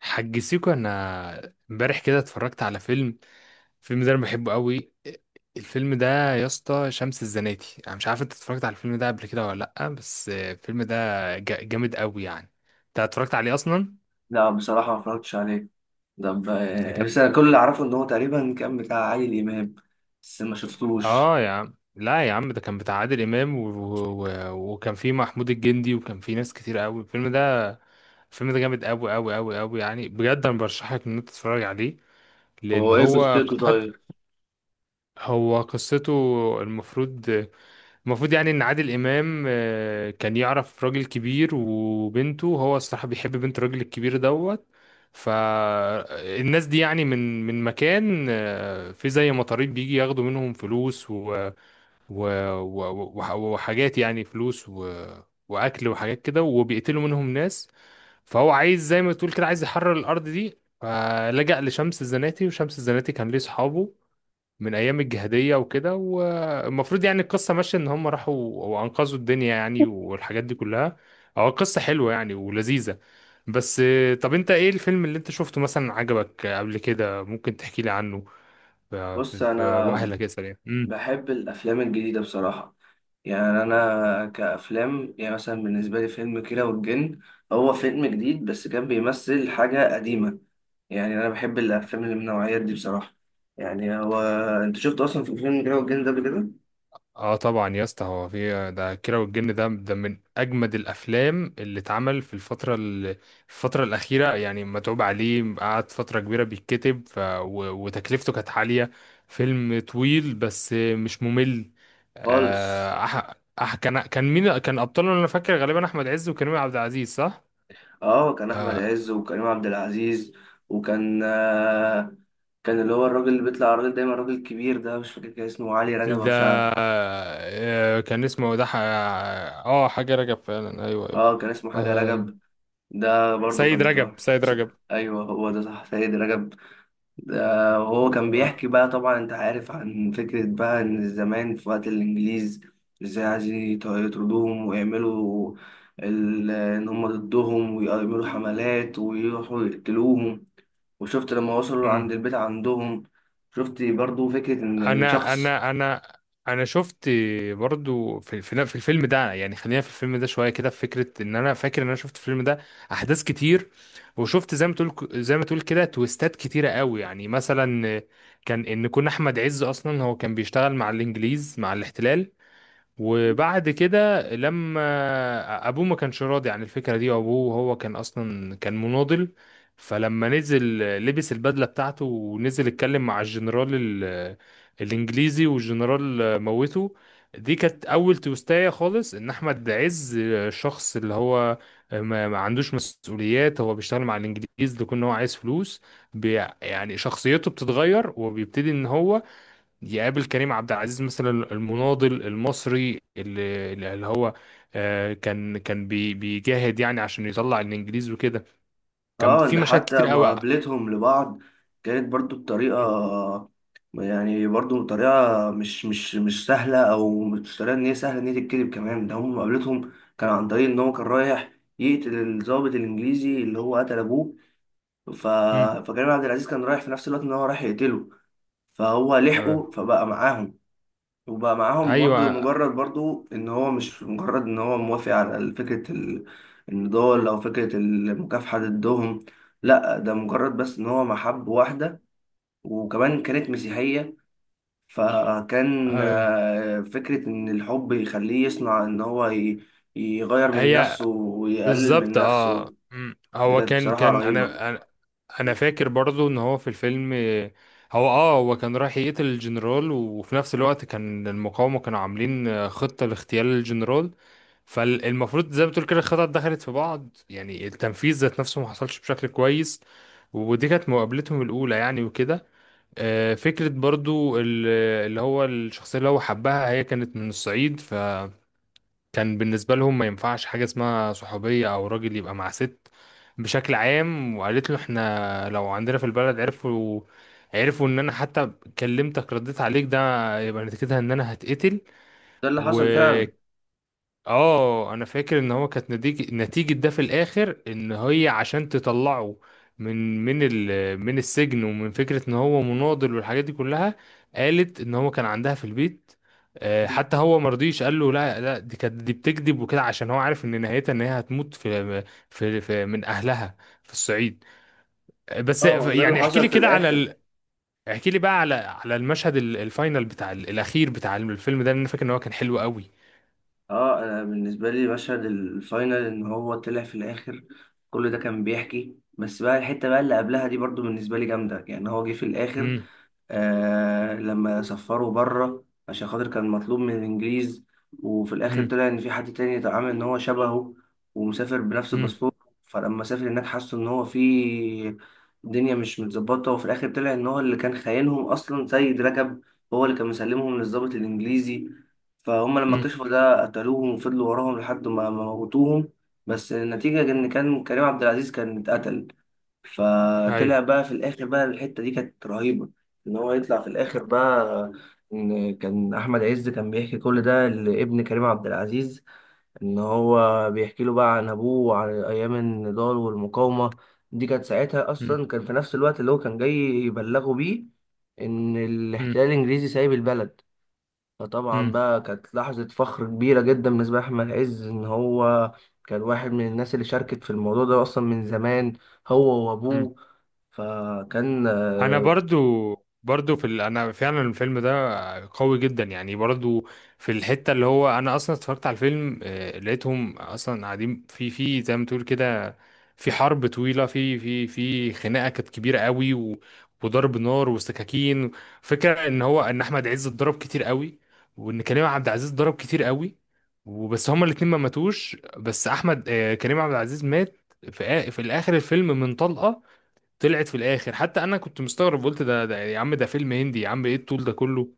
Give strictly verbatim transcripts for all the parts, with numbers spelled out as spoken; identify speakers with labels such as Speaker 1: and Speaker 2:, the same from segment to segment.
Speaker 1: حاج سيكو، انا امبارح كده اتفرجت على فيلم. الفيلم ده انا بحبه قوي. الفيلم ده، يا اسطى شمس الزناتي، انا مش عارف انت اتفرجت على الفيلم ده قبل كده ولا لا، بس الفيلم ده جا- جامد قوي يعني. انت اتفرجت عليه اصلا؟
Speaker 2: لا، بصراحة ما اتفرجتش عليه. طب،
Speaker 1: ده
Speaker 2: آه،
Speaker 1: كان...
Speaker 2: بس أنا كل اللي أعرفه إن هو تقريبا كان بتاع عادل إمام، بس ما شفتوش.
Speaker 1: اه يا عم، لا يا عم، ده كان بتاع عادل امام و... و... وكان فيه محمود الجندي، وكان فيه ناس كتير قوي. الفيلم ده الفيلم ده جامد قوي قوي قوي قوي يعني، بجد انا برشحك ان انت تتفرج عليه، لان
Speaker 2: هو إيه
Speaker 1: هو
Speaker 2: قصته
Speaker 1: حتى...
Speaker 2: طيب؟
Speaker 1: هو قصته المفروض المفروض يعني ان عادل امام، آه، كان يعرف راجل كبير وبنته، هو الصراحه بيحب بنت الراجل الكبير دوت. فالناس دي يعني من من مكان، آه، في زي مطاريد بيجي ياخدوا منهم فلوس و و و وح- وحاجات، يعني فلوس و واكل وحاجات كده، وبيقتلوا منهم ناس. فهو عايز زي ما تقول كده عايز يحرر الارض دي، فلجأ لشمس الزناتي، وشمس الزناتي كان ليه صحابه من ايام الجهاديه وكده، والمفروض يعني القصه ماشيه ان هم راحوا وانقذوا الدنيا يعني، والحاجات دي كلها. هو قصه حلوه يعني ولذيذه. بس، آه، طب انت ايه الفيلم اللي انت شفته مثلا عجبك قبل كده؟ ممكن تحكي لي عنه؟ ف- في
Speaker 2: بص،
Speaker 1: في
Speaker 2: أنا
Speaker 1: واحد كده سريع.
Speaker 2: بحب الأفلام الجديدة بصراحة. يعني أنا كأفلام، يعني مثلا بالنسبة لي فيلم كيرة والجن، هو فيلم جديد بس كان بيمثل حاجة قديمة. يعني أنا بحب الأفلام اللي من النوعيات دي بصراحة. يعني هو، أنت شفت أصلا في فيلم كيرة والجن ده قبل كده؟
Speaker 1: اه طبعا يا اسطى، هو في ده كيرة والجن، ده ده من اجمد الافلام اللي اتعمل في الفتره ال- الفتره الاخيره، يعني متعوب عليه، قعد فتره كبيره بيتكتب، ف... و... وتكلفته كانت عاليه. فيلم طويل بس مش ممل.
Speaker 2: خالص.
Speaker 1: آه أح... أح... كان كان مين كان ابطاله؟ انا فاكر غالبا احمد عز وكريم عبد العزيز، صح؟
Speaker 2: اه كان احمد
Speaker 1: آه.
Speaker 2: عز وكريم عبد العزيز. وكان آه، كان اللي هو الراجل اللي بيطلع على الراجل دايما، الراجل الكبير ده مش فاكر كان اسمه علي رجب او
Speaker 1: ده...
Speaker 2: شعب.
Speaker 1: آه، كان اسمه ده ح... اه حاجه رجب فعلا، ايوه ايوه.
Speaker 2: اه كان اسمه حاجه
Speaker 1: آه.
Speaker 2: رجب. ده برضو
Speaker 1: سيد
Speaker 2: كان
Speaker 1: رجب،
Speaker 2: ده.
Speaker 1: سيد
Speaker 2: ايوه هو ده صح، سيد رجب. ده وهو كان
Speaker 1: رجب.
Speaker 2: بيحكي بقى، طبعا انت عارف، عن فكره بقى ان زمان في وقت الانجليز ازاي عايزين يط- يطردوهم ويعملوا، ال- ان هم ضدهم ويعملوا حملات ويروحوا يقتلوهم. وشفت لما وصلوا
Speaker 1: مم.
Speaker 2: عند البيت عندهم. شفت برضو فكرة إن
Speaker 1: انا
Speaker 2: شخص.
Speaker 1: انا انا انا شفت برضو في في في الفيلم ده، يعني خلينا في الفيلم ده شويه كده. في فكره ان انا فاكر ان انا شفت الفيلم ده احداث كتير، وشفت زي ما تقول زي ما تقول كده تويستات كتيره قوي. يعني مثلا كان ان كنا احمد عز اصلا هو كان بيشتغل مع الانجليز، مع الاحتلال، وبعد كده لما ابوه ما كانش راضي عن الفكره دي، وابوه هو كان اصلا كان مناضل، فلما نزل لبس البدله بتاعته ونزل اتكلم مع الجنرال ال- الانجليزي، والجنرال موته. دي كانت اول توستايه خالص، ان احمد عز شخص اللي هو ما ما عندوش مسؤوليات، هو بيشتغل مع الانجليز لكون هو عايز فلوس. بي يعني شخصيته بتتغير وبيبتدي ان هو يقابل كريم عبد العزيز مثلا، المناضل المصري، اللي, اللي هو، آه، كان كان بي- بيجاهد يعني عشان يطلع الانجليز وكده. كان
Speaker 2: اه
Speaker 1: في
Speaker 2: ده
Speaker 1: مشاهد
Speaker 2: حتى
Speaker 1: كتير قوي.
Speaker 2: مقابلتهم لبعض كانت برضو بطريقة،
Speaker 1: مم.
Speaker 2: يعني برضو طريقة مش مش مش سهلة، أو مش طريقة إن هي سهلة إن هي تتكذب كمان. ده هم مقابلتهم كان عن طريق إن هو كان رايح يقتل الضابط الإنجليزي اللي هو قتل أبوه. ف...
Speaker 1: مم.
Speaker 2: فكريم عبد العزيز كان رايح في نفس الوقت إن هو رايح يقتله، فهو
Speaker 1: تمام.
Speaker 2: لحقه فبقى معاهم. وبقى معاهم برضو،
Speaker 1: ايوه.
Speaker 2: مجرد برضو ان هو مش مجرد ان هو موافق على فكرة ال- النضال او فكرة المكافحة ضدهم. لا، ده مجرد بس ان هو محب واحدة، وكمان كانت مسيحية. فكان
Speaker 1: آه،
Speaker 2: آه، فكرة ان الحب يخليه يصنع ان هو ي- يغير من
Speaker 1: هي
Speaker 2: نفسه ويقلل من
Speaker 1: بالظبط.
Speaker 2: نفسه.
Speaker 1: اه. مم.
Speaker 2: دي
Speaker 1: هو
Speaker 2: كانت
Speaker 1: كان
Speaker 2: بصراحة
Speaker 1: كان
Speaker 2: رهيبة.
Speaker 1: انا انا أنا فاكر برضو ان هو في الفيلم، آه، هو اه هو كان رايح يقتل الجنرال، وفي نفس الوقت كان المقاومة كانوا عاملين آه، خطة لاغتيال الجنرال. فالمفروض زي ما بتقول كده الخطط دخلت في بعض، يعني التنفيذ ذات نفسه ما حصلش بشكل كويس، ودي كانت مقابلتهم الأولى يعني وكده. آه، فكرة برضو ال- اللي هو الشخصية اللي هو حبها، هي كانت من الصعيد. ف كان بالنسبة لهم ما ينفعش حاجة اسمها صحوبية أو راجل يبقى مع ست بشكل عام، وقالت له احنا لو عندنا في البلد عرفوا عرفوا ان انا حتى كلمتك رديت عليك ده، يبقى نتيجتها ان انا هتقتل.
Speaker 2: ده اللي
Speaker 1: و...
Speaker 2: حصل فعلا.
Speaker 1: اه انا فاكر ان هو كانت نتيجة نتيجة ده في الاخر ان هي عشان تطلعه من من ال من السجن، ومن فكرة ان هو مناضل والحاجات دي كلها، قالت ان هو كان عندها في البيت. آه، حتى هو مرضيش، قال له لا لا، دي كانت دي بتكذب وكده، عشان هو عارف ان نهايتها ان هي هتموت في في, في من اهلها في الصعيد. آه، بس
Speaker 2: اه ده اللي
Speaker 1: يعني احكي
Speaker 2: حصل
Speaker 1: لي
Speaker 2: في
Speaker 1: كده على
Speaker 2: الاخر.
Speaker 1: ال... احكي لي بقى على على المشهد ال- الفاينل بتاع ال- الاخير بتاع الفيلم ده، لأن انا فاكر ان هو كان حلو قوي.
Speaker 2: اه انا بالنسبه لي مشهد الفاينل ان هو طلع في الاخر كل ده كان بيحكي. بس بقى الحته بقى اللي قبلها دي برضو بالنسبه لي جامده، يعني هو جه في الاخر
Speaker 1: امم.
Speaker 2: آه لما سفروا بره عشان خاطر كان مطلوب من الانجليز، وفي الاخر
Speaker 1: امم.
Speaker 2: طلع ان في حد تاني اتعامل ان هو شبهه ومسافر بنفس
Speaker 1: امم.
Speaker 2: الباسبور. فلما سافر هناك حسوا ان هو في الدنيا مش متظبطه، وفي الاخر طلع ان هو اللي كان خاينهم اصلا سيد رجب، هو اللي كان مسلمهم للضابط الانجليزي. فهم لما
Speaker 1: امم.
Speaker 2: اكتشفوا ده قتلوهم وفضلوا وراهم لحد ما ما موتوهم. بس النتيجة إن كان كريم عبد العزيز كان اتقتل. فطلع
Speaker 1: ايوه.
Speaker 2: بقى في الاخر بقى، الحته دي كانت رهيبه، ان هو يطلع في الاخر بقى ان كان احمد عز كان بيحكي كل ده لابن كريم عبد العزيز، ان هو بيحكي له بقى عن ابوه وعن ايام النضال والمقاومه. دي كانت ساعتها
Speaker 1: مم.
Speaker 2: اصلا كان في نفس الوقت اللي هو كان جاي يبلغه بيه ان
Speaker 1: مم.
Speaker 2: الاحتلال الانجليزي سايب البلد. فطبعا
Speaker 1: مم.
Speaker 2: بقى كانت لحظه فخر كبيره جدا بالنسبه لاحمد عز، ان هو كان واحد من الناس اللي شاركت في الموضوع ده اصلا من زمان، هو
Speaker 1: مم.
Speaker 2: وابوه. فكان
Speaker 1: انا
Speaker 2: آه،
Speaker 1: برضو برضو في ال... انا فعلا الفيلم ده قوي جدا يعني. برضو في الحتة اللي هو انا اصلا اتفرجت على الفيلم، آه، لقيتهم اصلا قاعدين في في زي ما تقول كده في حرب طويلة، في في في خناقة كانت كبيرة قوي، و... وضرب نار وسكاكين. فكرة ان هو ان احمد عز اتضرب كتير قوي، وان كريم عبد العزيز اتضرب كتير قوي، وبس هما الاتنين ما ماتوش. بس احمد، آه، كريم عبد العزيز مات في آ- في الاخر الفيلم من طلقة طلعت في الاخر. حتى انا كنت مستغرب، قلت ده, ده يا عم، ده فيلم هندي يا عم، ايه الطول ده كله؟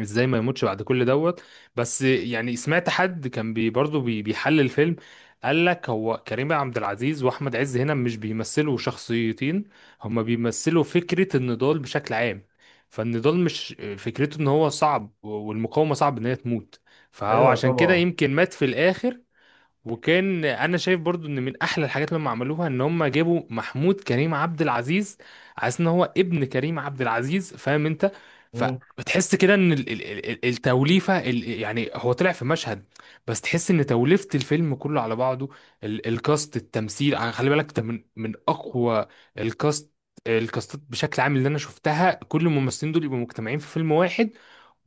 Speaker 1: ازاي ما يموتش بعد كل دوت؟ بس يعني سمعت حد كان بي برضه بي بيحلل الفيلم، قال لك هو كريم عبد العزيز واحمد عز هنا مش بيمثلوا شخصيتين، هما بيمثلوا فكرة النضال بشكل عام، فالنضال مش فكرته ان هو صعب والمقاومة صعب ان هي تموت، فهو
Speaker 2: ايوه
Speaker 1: عشان كده
Speaker 2: طبعا.
Speaker 1: يمكن مات في الاخر. وكان انا شايف برضو ان من احلى الحاجات اللي هم عملوها، ان هم جابوا محمود كريم عبد العزيز، عايز ان هو ابن كريم عبد العزيز، فاهم انت؟
Speaker 2: مم.
Speaker 1: فبتحس كده ان ال- ال- ال- ال- التوليفه ال- يعني هو طلع في مشهد، بس تحس ان توليفه الفيلم كله على بعضه، ال- الكاست، التمثيل يعني، خلي بالك ده من من اقوى الكاست الكاستات بشكل عام اللي انا شفتها، كل الممثلين دول يبقوا مجتمعين في فيلم واحد،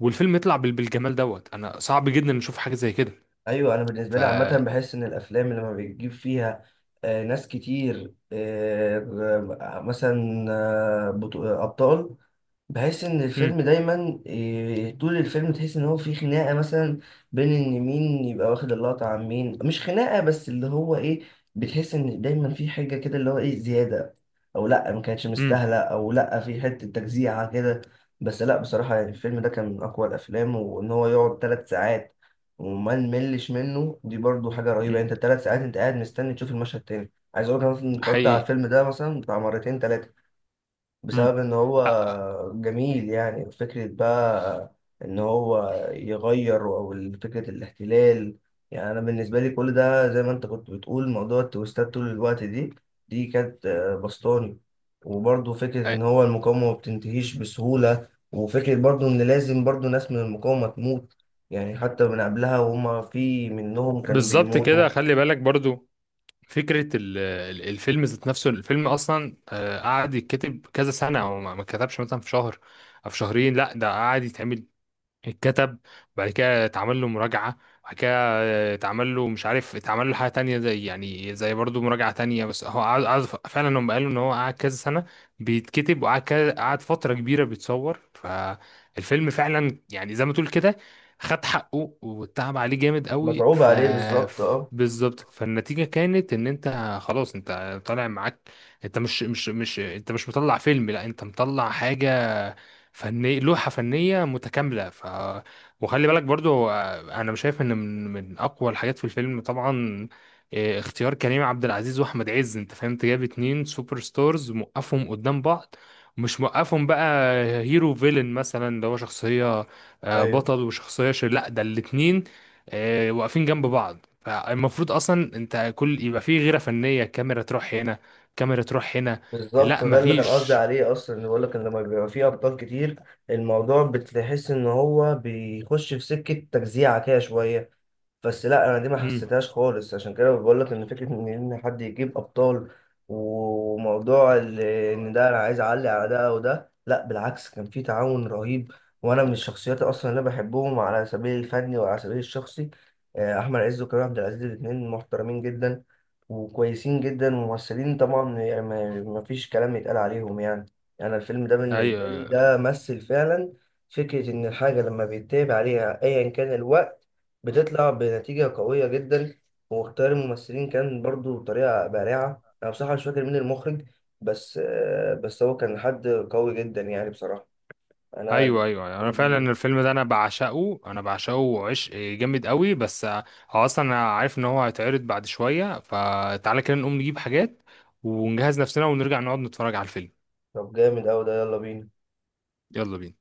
Speaker 1: والفيلم يطلع بال- بالجمال دوت، انا صعب جدا نشوف حاجه زي كده.
Speaker 2: ايوه، انا بالنسبه
Speaker 1: ف...
Speaker 2: لي عامه بحس ان الافلام لما بتجيب فيها آه، ناس كتير، آه، مثلا آه، بطو- آه، ابطال، بحس ان الفيلم دايما، إيه، طول الفيلم تحس ان هو في خناقه مثلا بين ان مين يبقى واخد اللقطه عن مين. مش خناقه بس، اللي هو ايه، بتحس ان دايما في حاجه كده اللي هو ايه، زياده، او لا ما كانتش
Speaker 1: امم.
Speaker 2: مستاهله، او لا في حته تجزيعه كده. بس لا بصراحه يعني الفيلم ده كان من اقوى الافلام، وان هو يقعد ثلاث ساعات وما نملش منه، دي برضو حاجه رهيبه.
Speaker 1: مم.
Speaker 2: يعني انت ثلاث ساعات انت قاعد مستني تشوف المشهد تاني. عايز اقول لك انا مثلاً
Speaker 1: ده
Speaker 2: اتفرجت على
Speaker 1: حقيقي.
Speaker 2: الفيلم ده مثلا بتاع مرتين ثلاثه، بسبب
Speaker 1: مم.
Speaker 2: ان
Speaker 1: لا.
Speaker 2: هو جميل. يعني فكرة بقى ان هو يغير، او فكرة الاحتلال. يعني انا بالنسبة لي كل ده زي ما انت كنت بتقول موضوع التويستات طول الوقت، دي دي كانت آه، بسطاني. وبرضه فكرة ان
Speaker 1: أي-
Speaker 2: هو المقاومة ما بتنتهيش بسهولة، وفكرة برضه ان لازم برضه ناس من المقاومة تموت. يعني حتى من قبلها وهما في منهم كانوا
Speaker 1: بالظبط
Speaker 2: بيموتوا.
Speaker 1: كده، خلي بالك برضو فكرة ال- ال- الفيلم ذات نفسه. الفيلم أصلا، آه، قعد يتكتب كذا سنة، أو ما ما اتكتبش مثلا في شهر أو في شهرين، لا ده قعد يتعمل، اتكتب، بعد كده اتعمل له مراجعة، بعد كده اتعمل له مش عارف، اتعمل له حاجة تانية زي يعني زي برضو مراجعة تانية. بس هو قعد قعد ف- فعلا هم قالوا ان هو قعد كذا سنة بيتكتب، وقعد كذا- قعد فترة كبيرة بيتصور، فالفيلم فعلا يعني زي ما تقول كده خد حقه واتعب عليه جامد قوي.
Speaker 2: متعوب
Speaker 1: ف
Speaker 2: عليه بالظبط
Speaker 1: ف-
Speaker 2: اه.
Speaker 1: بالظبط، فالنتيجة كانت ان انت خلاص انت طالع معاك، انت مش مش مش انت مش مطلع فيلم، لا انت مطلع حاجة فني، لوحة فنية متكاملة. ف... وخلي بالك برضو، آه، انا مش شايف ان من من اقوى الحاجات في الفيلم طبعا، آه، اختيار كريم عبد العزيز واحمد عز، انت فهمت، جاب اتنين سوبر ستارز موقفهم قدام بعض، مش موقفهم بقى هيرو فيلن مثلا، اللي هو شخصية آه،
Speaker 2: ايوه
Speaker 1: بطل وشخصية شر، لا ده الاتنين آه، واقفين جنب بعض، فالمفروض اصلا انت كل يبقى فيه غيرة فنية، كاميرا تروح هنا، كاميرا تروح هنا.
Speaker 2: بالظبط
Speaker 1: لا
Speaker 2: ده اللي كان قصدي
Speaker 1: مفيش.
Speaker 2: عليه اصلا، اللي بقول لك ان لما بيبقى فيه ابطال كتير الموضوع بتحس ان هو بيخش في سكه تجزيعه كده شويه. بس لا انا دي ما
Speaker 1: امم.
Speaker 2: حسيتهاش خالص. عشان كده بقول لك ان فكره ان ان حد يجيب ابطال، وموضوع ال- ان ده انا عايز اعلي على ده او ده، لا بالعكس كان في تعاون رهيب. وانا من الشخصيات اصلا اللي أنا بحبهم على سبيل الفني وعلى سبيل الشخصي، آه، احمد عز وكريم عبد العزيز الاثنين محترمين جدا وكويسين جدا وممثلين طبعا. يعني ما ما فيش كلام يتقال عليهم يعني. يعني الفيلم ده بالنسبه لي
Speaker 1: ايوه
Speaker 2: ده مثل فعلا فكره ان الحاجه لما بيتابع عليها ايا كان الوقت بتطلع بنتيجة قوية جدا. واختيار الممثلين كان برضو بطريقة بارعة. أنا بصراحة مش فاكر مين المخرج، بس آه، بس هو كان حد قوي جدا يعني بصراحة. أنا
Speaker 1: ايوه ايوه أيوه. انا
Speaker 2: الفيلم
Speaker 1: فعلا
Speaker 2: دي
Speaker 1: الفيلم ده انا بعشقه، انا بعشقه عشق جامد قوي. بس هو اصلا انا عارف ان هو هيتعرض بعد شويه، فتعالى كده نقوم نجيب حاجات ونجهز نفسنا ونرجع نقعد نتفرج على الفيلم.
Speaker 2: طب جامد أوي ده. يلا بينا.
Speaker 1: يلا بينا.